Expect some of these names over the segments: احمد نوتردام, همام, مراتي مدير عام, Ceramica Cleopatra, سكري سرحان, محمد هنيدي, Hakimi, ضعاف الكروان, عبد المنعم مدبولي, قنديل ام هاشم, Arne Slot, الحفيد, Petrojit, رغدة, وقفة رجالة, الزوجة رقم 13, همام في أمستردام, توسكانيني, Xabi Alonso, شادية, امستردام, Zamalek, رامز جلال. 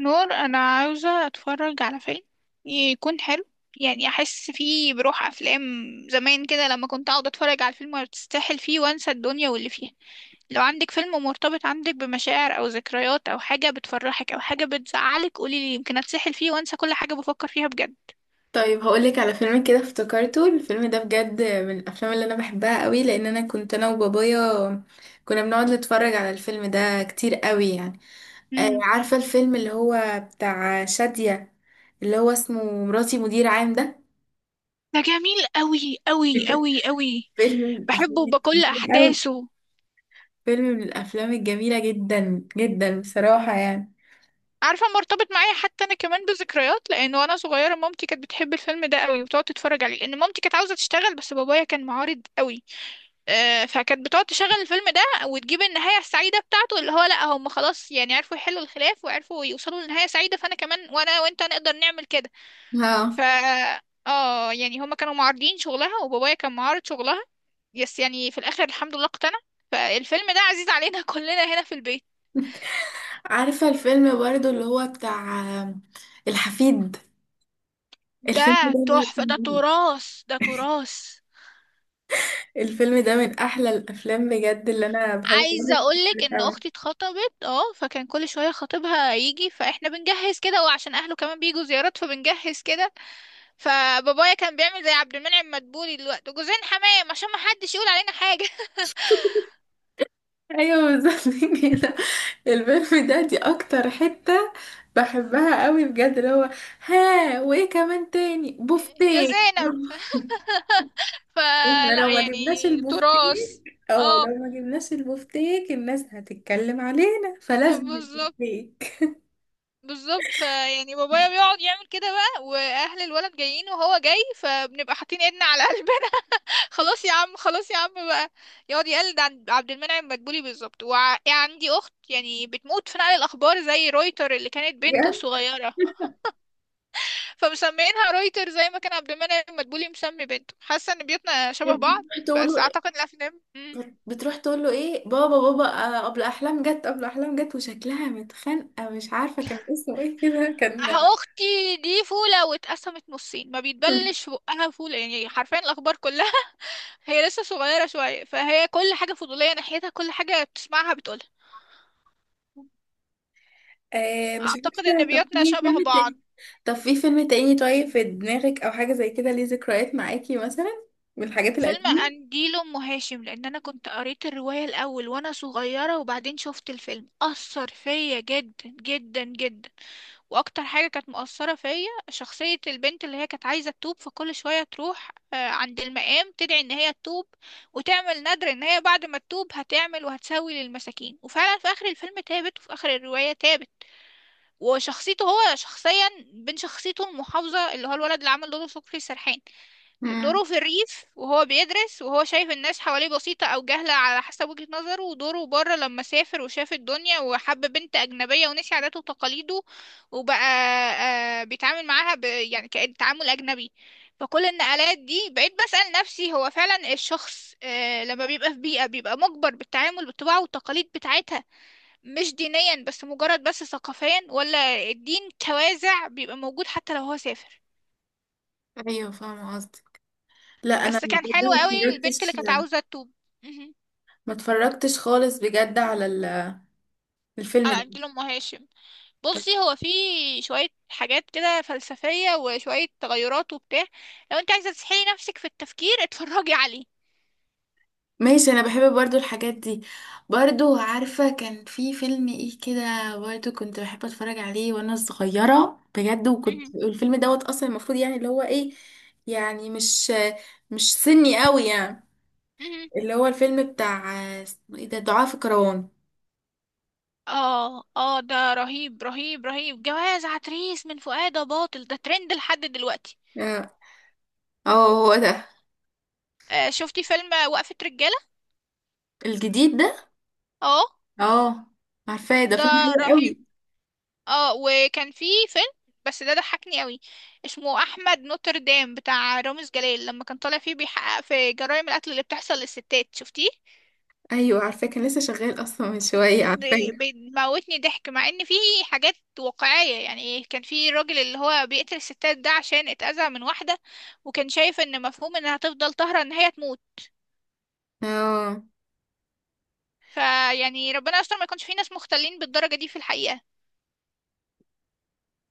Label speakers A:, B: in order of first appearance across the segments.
A: نور، انا عاوزه اتفرج على فيلم يكون حلو، يعني احس فيه بروح افلام زمان كده لما كنت اقعد اتفرج على الفيلم وتستاهل فيه وانسى الدنيا واللي فيها. لو عندك فيلم مرتبط عندك بمشاعر او ذكريات او حاجه بتفرحك او حاجه بتزعلك قولي لي، يمكن اتسحل فيه وانسى كل حاجه بفكر فيها بجد.
B: طيب، هقولك على فيلم كده افتكرته. الفيلم ده بجد من الافلام اللي انا بحبها قوي لان انا كنت انا وبابايا كنا بنقعد نتفرج على الفيلم ده كتير قوي يعني.
A: امم
B: عارفة الفيلم اللي هو بتاع شادية، اللي هو اسمه مراتي مدير عام ده.
A: ده جميل قوي قوي قوي قوي.
B: فيلم من الافلام
A: بحبه بكل
B: الجميلة قوي،
A: احداثه.
B: فيلم من الافلام الجميلة جدا جدا بصراحة يعني.
A: عارفة مرتبط معايا حتى أنا كمان بذكريات، لأن وأنا صغيرة مامتي كانت بتحب الفيلم ده قوي وبتقعد تتفرج عليه، لأن مامتي كانت عاوزة تشتغل بس بابايا كان معارض قوي. فكانت بتقعد تشغل الفيلم ده وتجيب النهاية السعيدة بتاعته، اللي هو لأ هم خلاص يعني عرفوا يحلوا الخلاف وعرفوا يوصلوا لنهاية سعيدة، فأنا كمان وأنا وأنت نقدر نعمل كده. ف
B: اه،
A: اه يعني هما كانوا معارضين شغلها وبابايا كان معارض شغلها. يعني في الآخر الحمد لله اقتنع، فالفيلم ده عزيز علينا كلنا هنا في البيت.
B: عارفة الفيلم برضو اللي هو بتاع الحفيد، الفيلم
A: ده
B: ده
A: تحفة، ده تراث، ده تراث.
B: الفيلم ده من احلى الافلام بجد اللي انا بحب.
A: عايزة اقولك ان
B: أوي.
A: اختي اتخطبت، اه، فكان كل شوية خطيبها يجي، فاحنا بنجهز كده، وعشان اهله كمان بيجوا زيارات فبنجهز كده. فبابايا كان بيعمل زي عبد المنعم مدبولي دلوقتي، جوزين حمام عشان ما حدش يقول علينا حاجة
B: ايوه بالظبط. كده الفيلم ده دي اكتر حتة بحبها قوي بجد، اللي هو. ها، وايه كمان تاني؟
A: يا
B: بوفتيك.
A: زينب
B: احنا لو
A: فلا
B: ما
A: يعني
B: جبناش
A: تراث.
B: البوفتيك او
A: اه،
B: لو ما جبناش البوفتيك، الناس هتتكلم علينا، فلازم
A: بالظبط،
B: البوفتيك.
A: بالظبط. فيعني بابايا بيقعد يعمل كده بقى واهل الولد جايين وهو جاي، فبنبقى حاطين ايدنا على قلبه، خلاص يا عم، خلاص يا عم بقى. يقعد يقلد عن عبد المنعم مدبولي بالظبط. وعندي اخت يعني بتموت في نقل الاخبار زي رويتر اللي كانت بنته
B: بجد
A: صغيره، فمسميينها رويتر زي ما كان عبد المنعم مدبولي مسمي بنته. حاسه ان بيوتنا شبه بعض.
B: تقولوا.
A: بس اعتقد الافلام
B: بتروح تقول له ايه؟ بابا بابا، قبل احلام جت وشكلها متخانقه مش عارفه كان اسمه ايه كده كان.
A: أه، اختي دي فوله واتقسمت نصين، ما بيتبلش في بقها فوله، يعني حرفيا الاخبار كلها هي لسه صغيره شويه فهي كل حاجه فضوليه ناحيتها، كل حاجه بتسمعها بتقولها.
B: آه، مش
A: اعتقد
B: فاكره.
A: ان
B: طب
A: بيوتنا
B: في فيلم
A: شبه بعض.
B: تاني طب في فيلم تاني طيب، في دماغك او حاجه زي كده ليه ذكريات معاكي مثلا، من الحاجات
A: فيلم
B: القديمه؟
A: قنديل ام هاشم، لان انا كنت قريت الرواية الاول وانا صغيرة وبعدين شفت الفيلم، اثر فيا جدا جدا جدا. واكتر حاجة كانت مؤثرة فيا شخصية البنت اللي هي كانت عايزة تتوب، فكل شوية تروح عند المقام تدعي ان هي تتوب وتعمل نذر ان هي بعد ما تتوب هتعمل وهتسوي للمساكين، وفعلا في اخر الفيلم تابت وفي اخر الرواية تابت. وشخصيته هو شخصيا بين شخصيته المحافظة، اللي هو الولد اللي عمل دوره سكري سرحان،
B: امم.
A: دوره في الريف وهو بيدرس وهو شايف الناس حواليه بسيطة أو جهلة على حسب وجهة نظره، ودوره بره لما سافر وشاف الدنيا وحب بنت أجنبية ونسي عاداته وتقاليده، وبقى بيتعامل معاها ب... يعني كأن تعامل أجنبي. فكل النقلات دي بقيت بسأل نفسي، هو فعلا الشخص لما بيبقى في بيئة بيبقى مجبر بالتعامل بالطباع والتقاليد بتاعتها؟ مش دينيا بس، مجرد بس ثقافيا، ولا الدين توازع بيبقى موجود حتى لو هو سافر.
B: ايوه، فاهمه قصدي. لا انا
A: بس كان
B: بجد
A: حلو
B: ما
A: قوي، البنت اللي
B: اتفرجتش
A: كانت عاوزة توب. مهم.
B: ما اتفرجتش خالص بجد على الفيلم
A: على
B: ده.
A: عبد الأم هاشم. بصي، هو في شوية حاجات كده فلسفية وشوية تغيرات وبتاع. لو انت عايزة تسحلي نفسك في التفكير اتفرجي عليه.
B: ماشي، انا بحب برضو الحاجات دي. برضو عارفة كان في فيلم ايه كده؟ برضو كنت بحب اتفرج عليه وانا صغيرة بجد، وكنت
A: مهم.
B: الفيلم دوت اصلا المفروض يعني اللي هو ايه، يعني مش سني قوي يعني،
A: مهم.
B: اللي هو الفيلم بتاع اسمه ايه ده؟ ضعاف الكروان.
A: اه اه، ده رهيب رهيب رهيب. جواز عتريس من فؤاد باطل ده ترند لحد دلوقتي.
B: اه. هو ده،
A: آه، شفتي فيلم وقفة رجالة؟
B: الجديد ده.
A: اه،
B: اه، عارفاه، ده فيلم
A: ده
B: حلو
A: رهيب.
B: قوي.
A: اه، وكان في فيلم، بس ده ضحكني قوي، اسمه احمد نوتردام بتاع رامز جلال، لما كان طالع فيه بيحقق في جرائم القتل اللي بتحصل للستات، شفتيه؟
B: ايوه عارفاه، كان لسه شغال اصلا من شوية،
A: ده
B: عارفاه.
A: بيموتني ضحك مع ان فيه حاجات واقعية، يعني كان في الراجل اللي هو بيقتل الستات ده عشان اتأذى من واحدة، وكان شايف ان مفهوم انها هتفضل طاهرة ان هي تموت.
B: اه،
A: فيعني ربنا يستر ما يكونش في ناس مختلين بالدرجة دي في الحقيقة.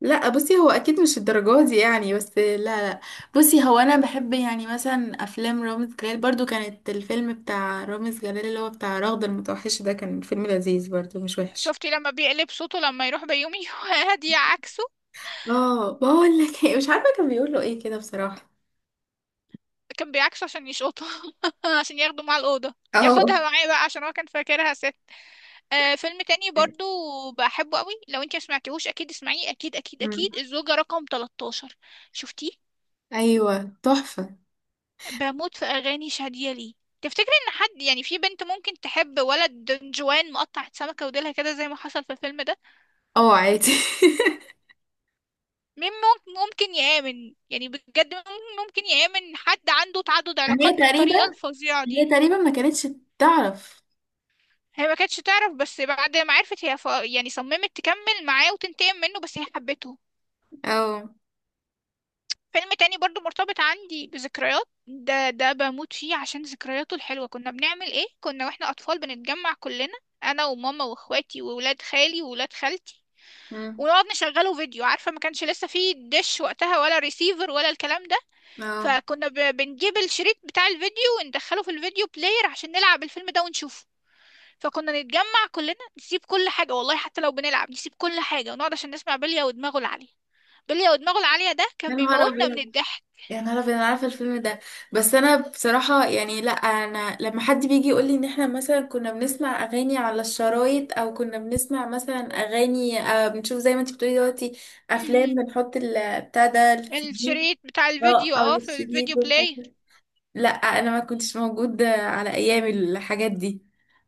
B: لا بصي هو اكيد مش الدرجات دي يعني، بس لا، لا. بصي هو انا بحب يعني مثلا افلام رامز جلال برضو، كانت الفيلم بتاع رامز جلال اللي هو بتاع رغدة المتوحشة ده كان فيلم لذيذ برضو، مش وحش.
A: شفتي لما بيقلب صوته لما يروح بيومي وهادية عكسه؟
B: اه، بقول لك إيه، مش عارفة كان بيقول له ايه كده بصراحة.
A: كان بيعكسه عشان يشقطه، عشان ياخده مع الأوضة،
B: اه.
A: ياخدها معاه بقى عشان هو كان فاكرها ست. فيلم تاني برضو بحبه قوي، لو انت سمعتيهوش اكيد اسمعيه، اكيد اكيد
B: مم.
A: اكيد، الزوجة رقم 13. شفتيه؟
B: ايوه تحفة.
A: بموت في اغاني شادية ليه. تفتكري ان حد يعني، في بنت ممكن تحب ولد دنجوان مقطع سمكة وديلها كده زي ما حصل في الفيلم ده؟
B: اه، عادي.
A: مين ممكن، ممكن يآمن، يعني بجد مين ممكن يآمن حد عنده تعدد
B: هي
A: علاقات
B: تقريبا
A: بالطريقة الفظيعة
B: هي
A: دي؟
B: تقريبا ما كانتش تعرف.
A: هي ما كانتش تعرف، بس بعد ما عرفت هي ف... يعني صممت تكمل معاه وتنتقم منه، بس هي حبته.
B: اه.
A: فيلم تاني برضو مرتبط عندي بذكريات، ده بموت فيه عشان ذكرياته الحلوة. كنا بنعمل ايه، كنا واحنا اطفال بنتجمع كلنا، انا وماما واخواتي وولاد خالي وولاد خالتي،
B: مم.
A: ونقعد نشغله فيديو. عارفة ما كانش لسه فيه دش وقتها ولا ريسيفر ولا الكلام ده،
B: اه.
A: فكنا ب... بنجيب الشريط بتاع الفيديو وندخله في الفيديو بلاير عشان نلعب الفيلم ده ونشوفه. فكنا نتجمع كلنا، نسيب كل حاجة، والله حتى لو بنلعب نسيب كل حاجة ونقعد عشان نسمع بلية ودماغه العالية. بلية ودماغه العالية ده
B: يا
A: كان
B: نهار
A: بيموتنا من
B: ابيض،
A: الضحك.
B: يا نهار أبيض، انا عارفه الفيلم ده. بس انا بصراحه يعني، لا انا لما حد بيجي يقول لي ان احنا مثلا كنا بنسمع اغاني على الشرايط، او كنا بنسمع مثلا اغاني، بنشوف زي ما انت بتقولي دلوقتي افلام،
A: مهم.
B: بنحط بتاع ده السي دي.
A: الشريط بتاع
B: اه،
A: الفيديو،
B: او
A: اه، في
B: السي دي
A: الفيديو
B: دول
A: بلاي.
B: حاجة. لا انا ما كنتش موجود على ايام الحاجات دي،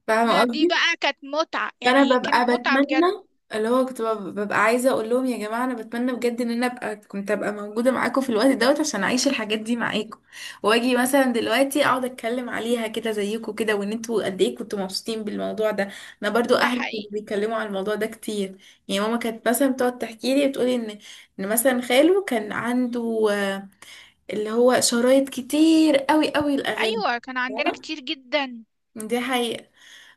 B: فاهمه
A: دي
B: قصدي؟
A: بقى كانت متعة،
B: فانا
A: يعني
B: ببقى
A: كانت متعة بجد.
B: بتمنى، اللي هو كنت ببقى عايزه اقول لهم يا جماعه، انا بتمنى بجد ان انا كنت ابقى موجوده معاكم في الوقت دوت عشان اعيش الحاجات دي معاكم، واجي مثلا دلوقتي اقعد اتكلم عليها كده زيكم كده، وان انتوا قد ايه كنتوا مبسوطين بالموضوع ده. انا برضو
A: ده
B: اهلي كانوا
A: حقيقي.
B: بيتكلموا على الموضوع ده كتير، يعني ماما كانت مثلا بتقعد تحكي لي، بتقولي ان مثلا خاله كان عنده، اللي هو شرايط كتير قوي قوي الاغاني.
A: ايوه كان عندنا
B: فاهمة؟
A: كتير جدا.
B: دي حقيقة،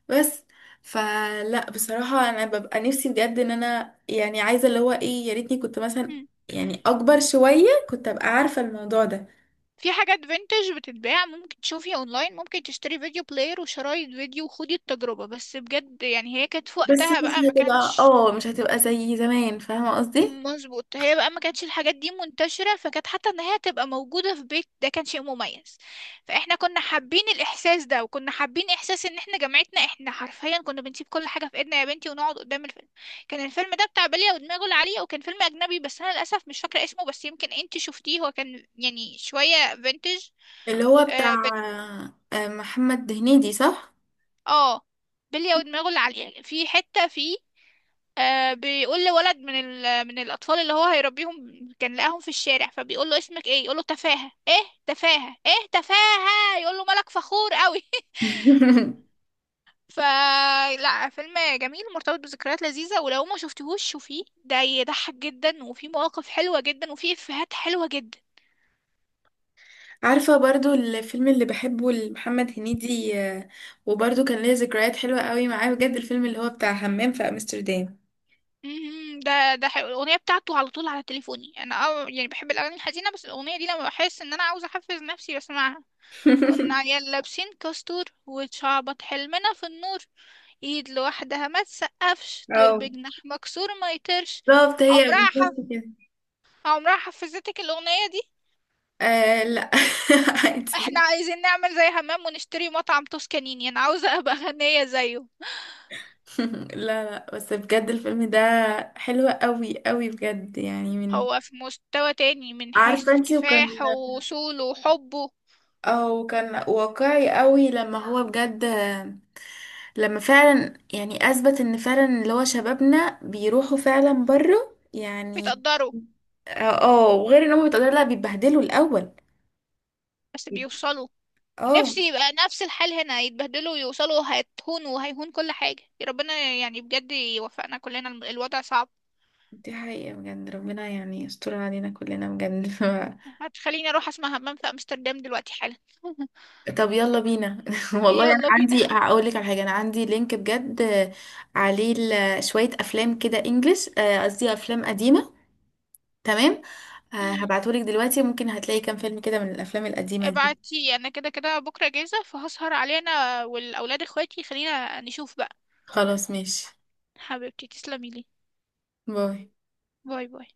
B: بس. فلا بصراحة أنا ببقى نفسي بجد إن أنا يعني عايزة اللي هو إيه، يا ريتني كنت مثلا
A: مم.
B: يعني أكبر شوية كنت أبقى عارفة الموضوع ده،
A: في حاجات فينتج بتتباع، ممكن تشوفيها اونلاين، ممكن تشتري فيديو بلاير وشرايط فيديو وخدي التجربة، بس بجد يعني هي كانت في
B: بس
A: وقتها بقى
B: مش
A: ما
B: هتبقى.
A: كانش.
B: اه، مش هتبقى زي زمان، فاهمة قصدي؟
A: مظبوط، هي بقى ما كانتش الحاجات دي منتشرة، فكانت حتى ان هي تبقى موجودة في بيت ده كان شيء مميز. فاحنا كنا حابين الاحساس ده، وكنا حابين احساس ان احنا جامعتنا، احنا حرفيا كنا بنسيب كل حاجة في ايدنا يا بنتي ونقعد قدام الفيلم. كان الفيلم ده بتاع بلية ودماغه العالية، وكان فيلم اجنبي بس انا للاسف مش فاكرة اسمه، بس يمكن انت شفتيه، هو كان يعني شوية فينتج.
B: اللي هو
A: اه
B: بتاع
A: بت-
B: محمد هنيدي، صح؟
A: آه، بلية ودماغه العالية في حتة فيه، بيقول لولد من ال... من الأطفال اللي هو هيربيهم، كان لقاهم في الشارع، فبيقول له اسمك ايه، يقول له تفاهة. ايه تفاهة؟ ايه تفاهة؟ يقول له، مالك فخور قوي؟ فلا، فيلم جميل مرتبط بذكريات لذيذة، ولو ما شفتهوش شوفيه، ده يضحك جدا وفي مواقف حلوة جدا وفي إفيهات حلوة جدا.
B: عارفة برضو الفيلم اللي بحبه لمحمد هنيدي، وبرضو كان ليا ذكريات حلوة قوي معاه بجد، الفيلم اللي هو بتاع همام في أمستردام.
A: مهم. ده حلو. الأغنية بتاعته على طول على تليفوني أنا، أه يعني بحب الأغاني الحزينة بس الأغنية دي لما بحس إن أنا عاوزة أحفز نفسي بسمعها. كنا عيال لابسين كاستور وشعبط، حلمنا في النور، ايد لوحدها ما تسقفش، درب
B: اه
A: جناح مكسور ما يطيرش.
B: بالظبط، هي
A: عمرها
B: بالظبط
A: حف...
B: كده.
A: عمرها حفظتك الاغنية دي.
B: آه لا.
A: احنا
B: عادي.
A: عايزين نعمل زي همام ونشتري مطعم توسكانيني، انا عاوزة ابقى غنية زيه.
B: لا، لا، بس بجد الفيلم ده حلو قوي قوي بجد، يعني من،
A: هو في مستوى تاني من
B: عارفة
A: حيث
B: انتي؟ وكان
A: كفاحه ووصوله وحبه.
B: او كان واقعي قوي لما هو بجد لما فعلا يعني اثبت ان فعلا اللي هو شبابنا بيروحوا فعلا بره يعني.
A: بيتقدروا.
B: اه، وغير ان هم بيتقدروا، لا بيتبهدلوا الاول.
A: بس بيوصلوا.
B: اه.
A: نفسي يبقى نفس الحال هنا، يتبهدلوا ويوصلوا، هيتهونوا وهيهون كل حاجة يا ربنا، يعني بجد يوفقنا كلنا، الوضع صعب.
B: دي حقيقة بجد، ربنا يعني يستر علينا كلنا بجد.
A: هتخليني اروح اسمع همام في امستردام دلوقتي حالا
B: طب يلا بينا. والله انا
A: يلا بينا
B: عندي، هقول لك على حاجة، انا عندي لينك بجد، عليه شوية افلام كده انجلش، قصدي افلام قديمة. تمام.
A: مهم.
B: هبعته لك دلوقتي، ممكن هتلاقي كام فيلم كده من الافلام القديمة دي.
A: ابعتي، انا كده كده بكره جاهزه، فهسهر علينا والاولاد اخواتي، خلينا نشوف بقى.
B: خلاص ماشي.
A: حبيبتي تسلمي لي.
B: باي.
A: باي باي.